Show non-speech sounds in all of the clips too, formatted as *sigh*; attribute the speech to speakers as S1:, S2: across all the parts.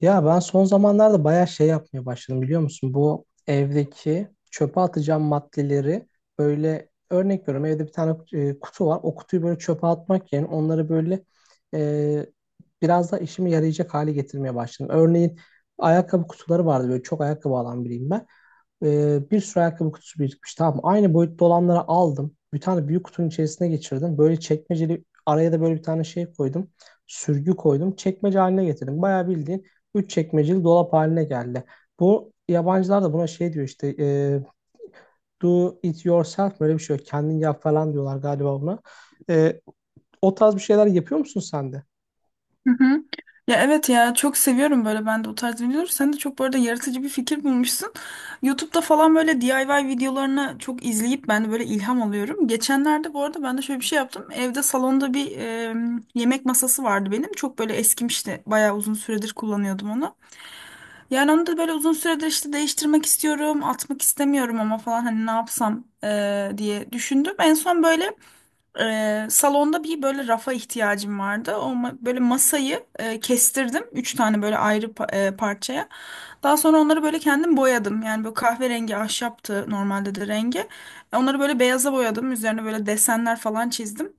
S1: Ya ben son zamanlarda bayağı şey yapmaya başladım biliyor musun? Bu evdeki çöpe atacağım maddeleri böyle örnek veriyorum, evde bir tane kutu var. O kutuyu böyle çöpe atmak yerine onları böyle e, biraz da işime yarayacak hale getirmeye başladım. Örneğin ayakkabı kutuları vardı, böyle çok ayakkabı alan biriyim ben. Bir sürü ayakkabı kutusu birikmiş, tamam mı? Aynı boyutta olanları aldım. Bir tane büyük kutunun içerisine geçirdim. Böyle çekmeceli, araya da böyle bir tane şey koydum. Sürgü koydum. Çekmece haline getirdim. Bayağı bildiğin üç çekmeceli dolap haline geldi. Bu yabancılar da buna şey diyor işte, do it yourself, böyle bir şey, yok kendin yap falan diyorlar galiba buna. E, o tarz bir şeyler yapıyor musun sen de?
S2: Hı hı. Ya evet, ya çok seviyorum böyle ben de o tarz videoları. Sen de çok bu arada yaratıcı bir fikir bulmuşsun. YouTube'da falan böyle DIY videolarını çok izleyip ben de böyle ilham alıyorum. Geçenlerde bu arada ben de şöyle bir şey yaptım. Evde salonda bir yemek masası vardı benim. Çok böyle eskimişti. Bayağı uzun süredir kullanıyordum onu. Yani onu da böyle uzun süredir işte değiştirmek istiyorum, atmak istemiyorum ama falan hani ne yapsam diye düşündüm. En son böyle salonda bir böyle rafa ihtiyacım vardı. Böyle masayı kestirdim. Üç tane böyle ayrı parçaya. Daha sonra onları böyle kendim boyadım. Yani böyle kahverengi ahşaptı normalde de rengi. Onları böyle beyaza boyadım. Üzerine böyle desenler falan çizdim.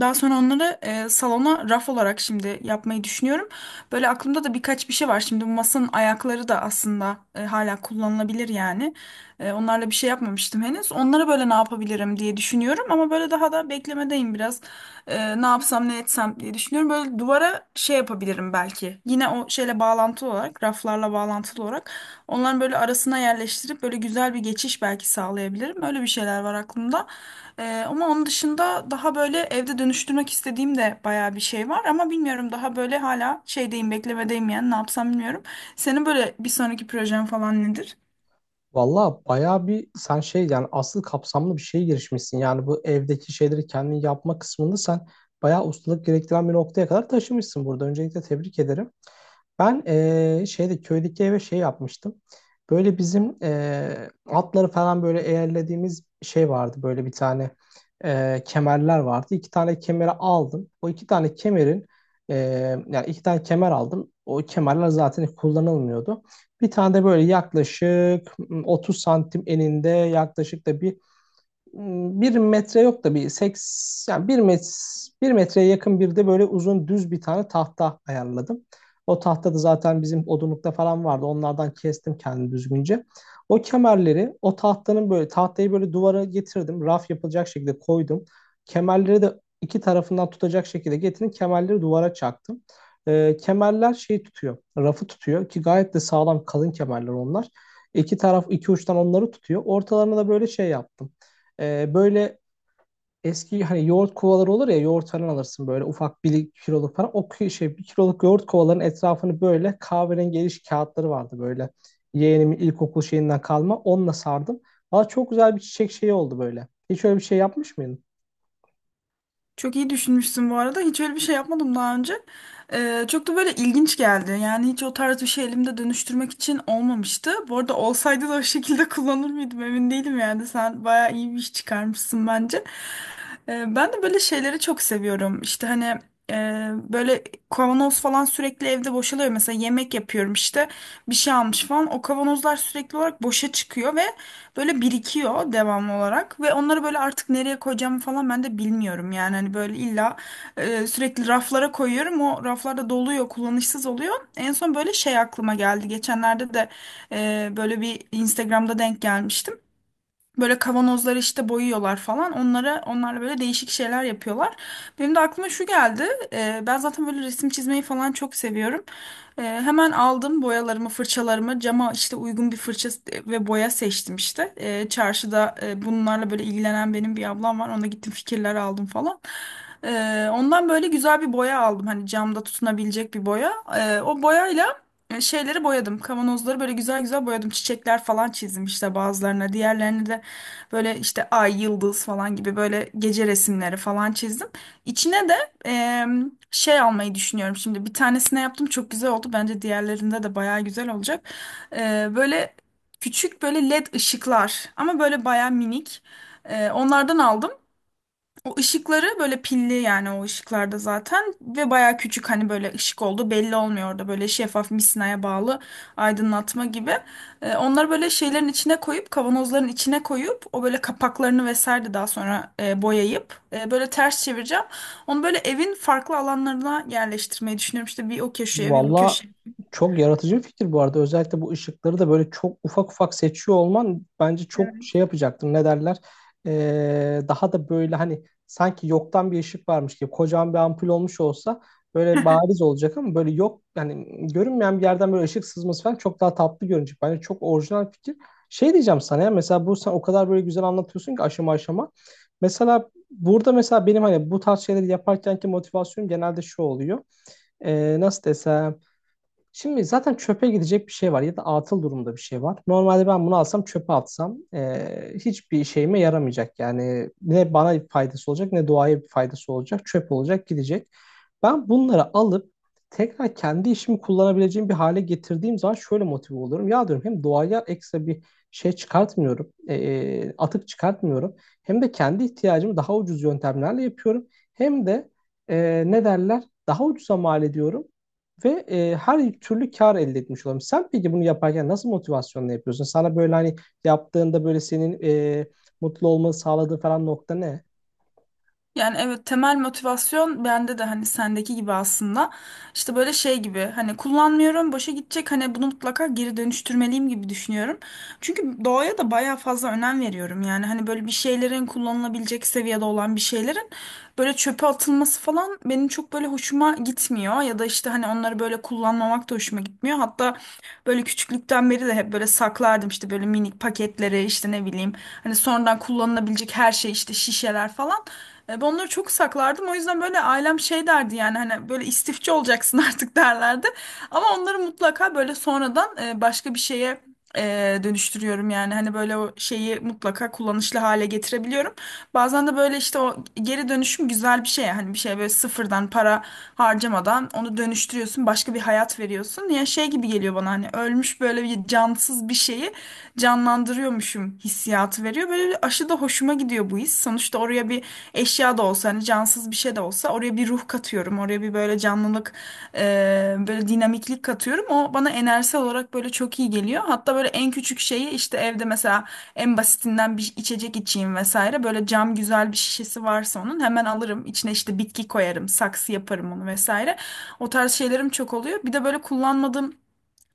S2: Daha sonra onları salona raf olarak şimdi yapmayı düşünüyorum. Böyle aklımda da birkaç bir şey var. Şimdi bu masanın ayakları da aslında hala kullanılabilir yani. Onlarla bir şey yapmamıştım henüz. Onlara böyle ne yapabilirim diye düşünüyorum. Ama böyle daha da beklemedeyim biraz. Ne yapsam ne etsem diye düşünüyorum. Böyle duvara şey yapabilirim belki. Yine o şeyle bağlantılı olarak, raflarla bağlantılı olarak. Onların böyle arasına yerleştirip böyle güzel bir geçiş belki sağlayabilirim. Öyle bir şeyler var aklımda. Ama onun dışında daha böyle evde dönüştürmek istediğim de bayağı bir şey var. Ama bilmiyorum, daha böyle hala şeydeyim, beklemedeyim, yani ne yapsam bilmiyorum. Senin böyle bir sonraki projen falan nedir?
S1: Valla bayağı bir sen şey, yani asıl kapsamlı bir şeye girişmişsin. Yani bu evdeki şeyleri kendin yapma kısmında sen bayağı ustalık gerektiren bir noktaya kadar taşımışsın burada. Öncelikle tebrik ederim. Ben şeyde, köydeki eve şey yapmıştım. Böyle bizim atları falan böyle eğerlediğimiz şey vardı. Böyle bir tane kemerler vardı. İki tane kemeri aldım. O iki tane kemerin eee, yani iki tane kemer aldım. O kemerler zaten kullanılmıyordu. Bir tane de böyle yaklaşık 30 santim eninde, yaklaşık da bir metre yok da bir seks yani bir metreye yakın, bir de böyle uzun düz bir tane tahta ayarladım. O tahta da zaten bizim odunlukta falan vardı. Onlardan kestim kendimi düzgünce. O kemerleri, o tahtanın, böyle tahtayı böyle duvara getirdim. Raf yapılacak şekilde koydum. Kemerleri de iki tarafından tutacak şekilde getirdim. Kemerleri duvara çaktım. Kemerler şey tutuyor, rafı tutuyor ki gayet de sağlam kalın kemerler onlar. İki taraf, iki uçtan onları tutuyor. Ortalarına da böyle şey yaptım. Böyle eski, hani yoğurt kovaları olur ya, yoğurt falan alırsın böyle ufak bir kiloluk falan. O şey, bir kiloluk yoğurt kovalarının etrafını, böyle kahverengi eriş kağıtları vardı böyle. Yeğenimin ilkokul şeyinden kalma, onunla sardım. Valla çok güzel bir çiçek şeyi oldu böyle. Hiç öyle bir şey yapmış mıydın?
S2: Çok iyi düşünmüşsün bu arada. Hiç öyle bir şey yapmadım daha önce. Çok da böyle ilginç geldi. Yani hiç o tarz bir şey elimde dönüştürmek için olmamıştı. Bu arada olsaydı da o şekilde *laughs* kullanır mıydım emin değilim yani. Sen bayağı iyi bir iş çıkarmışsın bence. Ben de böyle şeyleri çok seviyorum. İşte hani e, böyle kavanoz falan sürekli evde boşalıyor. Mesela yemek yapıyorum, işte bir şey almış falan. O kavanozlar sürekli olarak boşa çıkıyor ve böyle birikiyor devamlı olarak, ve onları böyle artık nereye koyacağımı falan ben de bilmiyorum. Yani hani böyle illa sürekli raflara koyuyorum. O raflarda doluyor, kullanışsız oluyor. En son böyle şey aklıma geldi. Geçenlerde de böyle bir Instagram'da denk gelmiştim. Böyle kavanozları işte boyuyorlar falan. Onlarla böyle değişik şeyler yapıyorlar. Benim de aklıma şu geldi. Ben zaten böyle resim çizmeyi falan çok seviyorum. Hemen aldım boyalarımı, fırçalarımı. Cama işte uygun bir fırça ve boya seçtim işte. Çarşıda bunlarla böyle ilgilenen benim bir ablam var. Ona gittim, fikirler aldım falan. Ondan böyle güzel bir boya aldım. Hani camda tutunabilecek bir boya. O boyayla şeyleri boyadım. Kavanozları böyle güzel güzel boyadım. Çiçekler falan çizdim işte bazılarına. Diğerlerini de böyle işte ay, yıldız falan gibi böyle gece resimleri falan çizdim. İçine de e, şey almayı düşünüyorum şimdi. Bir tanesine yaptım, çok güzel oldu. Bence diğerlerinde de bayağı güzel olacak. Böyle küçük böyle led ışıklar, ama böyle bayağı minik. Onlardan aldım. O ışıkları böyle pilli, yani o ışıklarda zaten, ve baya küçük hani, böyle ışık oldu, belli olmuyor orada, böyle şeffaf misinaya bağlı aydınlatma gibi. Onları böyle şeylerin içine koyup, kavanozların içine koyup, o böyle kapaklarını vesaire de daha sonra boyayıp böyle ters çevireceğim. Onu böyle evin farklı alanlarına yerleştirmeyi düşünüyorum, işte bir o köşeye, bir bu
S1: Valla,
S2: köşeye.
S1: çok yaratıcı bir fikir bu arada. Özellikle bu ışıkları da böyle çok ufak ufak seçiyor olman bence çok
S2: Evet.
S1: şey yapacaktır. Ne derler? Daha da böyle hani, sanki yoktan bir ışık varmış gibi kocaman bir ampul olmuş olsa böyle bariz olacak, ama böyle yok, yani görünmeyen bir yerden böyle ışık sızması falan çok daha tatlı görünecek. Bence çok orijinal fikir. Şey diyeceğim sana, ya mesela bu, sen o kadar böyle güzel anlatıyorsun ki, aşama aşama. Mesela burada, mesela benim hani bu tarz şeyleri yaparkenki motivasyonum genelde şu oluyor. Nasıl desem, şimdi zaten çöpe gidecek bir şey var, ya da atıl durumda bir şey var. Normalde ben bunu alsam, çöpe atsam, hiçbir işime yaramayacak. Yani ne bana bir faydası olacak, ne doğaya bir faydası olacak. Çöp olacak, gidecek. Ben bunları alıp tekrar kendi işimi kullanabileceğim bir hale getirdiğim zaman şöyle motive oluyorum. Ya diyorum, hem doğaya ekstra bir şey çıkartmıyorum. Atık çıkartmıyorum. Hem de kendi ihtiyacımı daha ucuz yöntemlerle yapıyorum. Hem de ne derler, daha ucuza mal ediyorum. Ve her türlü kar elde etmiş olalım. Sen peki bunu yaparken nasıl motivasyonla yapıyorsun? Sana böyle hani yaptığında, böyle senin e, mutlu olmanı sağladığı falan nokta ne?
S2: Yani evet, temel motivasyon bende de hani sendeki gibi aslında. İşte böyle şey gibi hani kullanmıyorum, boşa gidecek, hani bunu mutlaka geri dönüştürmeliyim gibi düşünüyorum. Çünkü doğaya da bayağı fazla önem veriyorum. Yani hani böyle bir şeylerin, kullanılabilecek seviyede olan bir şeylerin böyle çöpe atılması falan benim çok böyle hoşuma gitmiyor. Ya da işte hani onları böyle kullanmamak da hoşuma gitmiyor. Hatta böyle küçüklükten beri de hep böyle saklardım işte böyle minik paketleri, işte ne bileyim, hani sonradan kullanılabilecek her şey, işte şişeler falan. Ben onları çok saklardım. O yüzden böyle ailem şey derdi, yani hani böyle istifçi olacaksın *laughs* artık derlerdi. Ama onları mutlaka böyle sonradan başka bir şeye dönüştürüyorum, yani hani böyle o şeyi mutlaka kullanışlı hale getirebiliyorum. Bazen de böyle işte o geri dönüşüm güzel bir şey. Hani bir şey böyle sıfırdan para harcamadan onu dönüştürüyorsun, başka bir hayat veriyorsun. Ya şey gibi geliyor bana, hani ölmüş böyle bir cansız bir şeyi canlandırıyormuşum hissiyatı veriyor. Böyle bir aşı da hoşuma gidiyor bu his. Sonuçta oraya bir eşya da olsa, hani cansız alakasız bir şey de olsa, oraya bir ruh katıyorum. Oraya bir böyle canlılık, böyle dinamiklik katıyorum. O bana enerjisel olarak böyle çok iyi geliyor. Hatta böyle en küçük şeyi işte evde mesela, en basitinden bir içecek içeyim vesaire. Böyle cam güzel bir şişesi varsa onun hemen alırım. İçine işte bitki koyarım, saksı yaparım onu vesaire. O tarz şeylerim çok oluyor. Bir de böyle kullanmadığım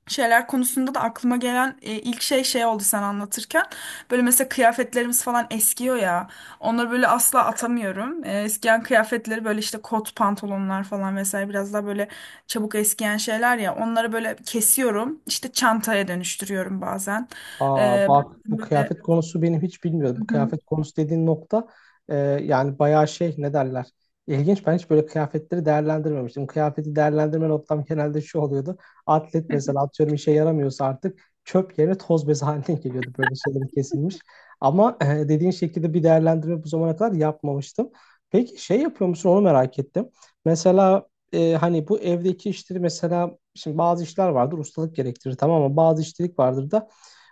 S2: şeyler konusunda da aklıma gelen ilk şey şey oldu sen anlatırken. Böyle mesela kıyafetlerimiz falan eskiyor ya. Onları böyle asla atamıyorum. Eskiyen kıyafetleri böyle işte kot pantolonlar falan vesaire, biraz daha böyle çabuk eskiyen şeyler ya. Onları böyle kesiyorum. İşte çantaya dönüştürüyorum bazen.
S1: Aa,
S2: E,
S1: bak bu
S2: Böyle...
S1: kıyafet konusu benim, hiç
S2: Hı
S1: bilmiyordum.
S2: hı.
S1: Kıyafet konusu dediğin nokta, e, yani bayağı şey, ne derler. İlginç, ben hiç böyle kıyafetleri değerlendirmemiştim. Kıyafeti değerlendirme noktam genelde şu oluyordu. Atlet
S2: *laughs*
S1: mesela, atıyorum işe yaramıyorsa artık çöp yerine toz bezi *laughs* haline geliyordu böyle, şeylerin kesilmiş. Ama dediğin şekilde bir değerlendirme bu zamana kadar yapmamıştım. Peki şey yapıyor musun, onu merak ettim. Mesela hani bu evdeki işleri, mesela şimdi bazı işler vardır, ustalık gerektirir, tamam mı? Bazı işçilik vardır da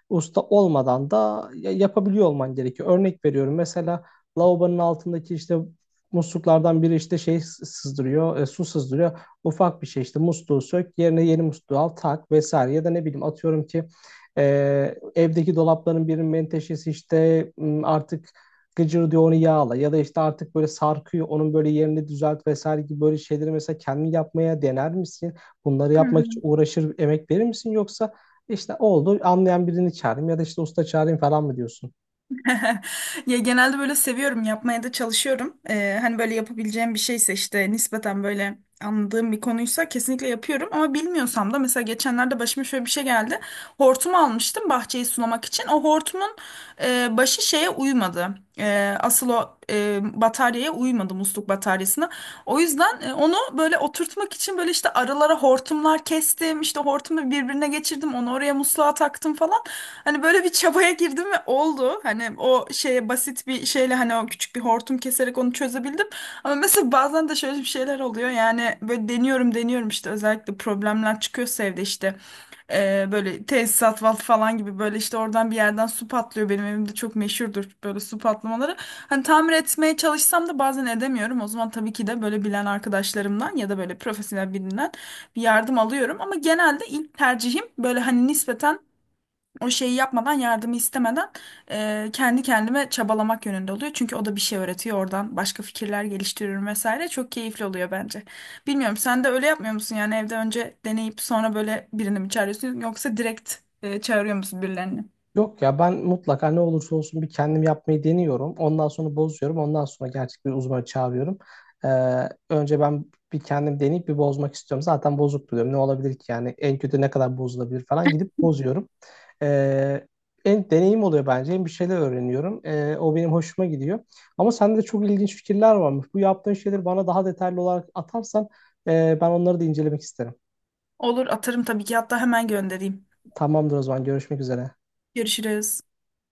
S1: usta olmadan da yapabiliyor olman gerekiyor. Örnek veriyorum, mesela lavabonun altındaki işte musluklardan biri işte şey, sızdırıyor, su sızdırıyor. Ufak bir şey işte, musluğu sök, yerine yeni musluğu al, tak vesaire. Ya da ne bileyim, atıyorum ki e, evdeki dolapların birinin menteşesi işte, artık gıcır diyor, onu yağla, ya da işte artık böyle sarkıyor, onun böyle yerini düzelt vesaire gibi, böyle şeyleri mesela kendin yapmaya dener misin? Bunları
S2: Hı
S1: yapmak için
S2: hı.
S1: uğraşır, emek verir misin, yoksa işte oldu, anlayan birini çağırayım, ya da işte usta çağırayım falan mı diyorsun?
S2: *laughs* Ya genelde böyle seviyorum, yapmaya da çalışıyorum. Hani böyle yapabileceğim bir şeyse, işte nispeten böyle anladığım bir konuysa, kesinlikle yapıyorum. Ama bilmiyorsam da mesela geçenlerde başıma şöyle bir şey geldi. Hortum almıştım bahçeyi sulamak için. O hortumun başı şeye uymadı. Asıl o bataryaya uymadı, musluk bataryasına. O yüzden onu böyle oturtmak için böyle işte aralara hortumlar kestim. İşte hortumu birbirine geçirdim. Onu oraya musluğa taktım falan. Hani böyle bir çabaya girdim ve oldu. Hani o şeye basit bir şeyle, hani o küçük bir hortum keserek onu çözebildim. Ama mesela bazen de şöyle bir şeyler oluyor. Yani böyle deniyorum işte, özellikle problemler çıkıyorsa evde işte. Böyle tesisat vat falan gibi böyle, işte oradan bir yerden su patlıyor. Benim evimde çok meşhurdur böyle su patlamaları. Hani tamir etmeye çalışsam da bazen edemiyorum. O zaman tabii ki de böyle bilen arkadaşlarımdan ya da böyle profesyonel birinden bir yardım alıyorum. Ama genelde ilk tercihim böyle hani nispeten, o şeyi yapmadan, yardımı istemeden, kendi kendime çabalamak yönünde oluyor. Çünkü o da bir şey öğretiyor, oradan başka fikirler geliştiriyorum vesaire, çok keyifli oluyor bence. Bilmiyorum, sen de öyle yapmıyor musun, yani evde önce deneyip sonra böyle birini mi çağırıyorsun, yoksa direkt çağırıyor musun birilerini?
S1: Yok ya, ben mutlaka ne olursa olsun bir kendim yapmayı deniyorum. Ondan sonra bozuyorum. Ondan sonra gerçek bir uzmanı çağırıyorum. Ee, önce ben bir kendim deneyip bir bozmak istiyorum. Zaten bozuk diyorum. Ne olabilir ki yani, en kötü ne kadar bozulabilir falan, gidip bozuyorum. Ee, en deneyim oluyor bence. Hem bir şeyler öğreniyorum. O benim hoşuma gidiyor. Ama sende de çok ilginç fikirler varmış. Bu yaptığın şeyleri bana daha detaylı olarak atarsan ben onları da incelemek isterim.
S2: Olur, atarım tabii ki, hatta hemen göndereyim.
S1: Tamamdır, o zaman görüşmek üzere.
S2: Görüşürüz.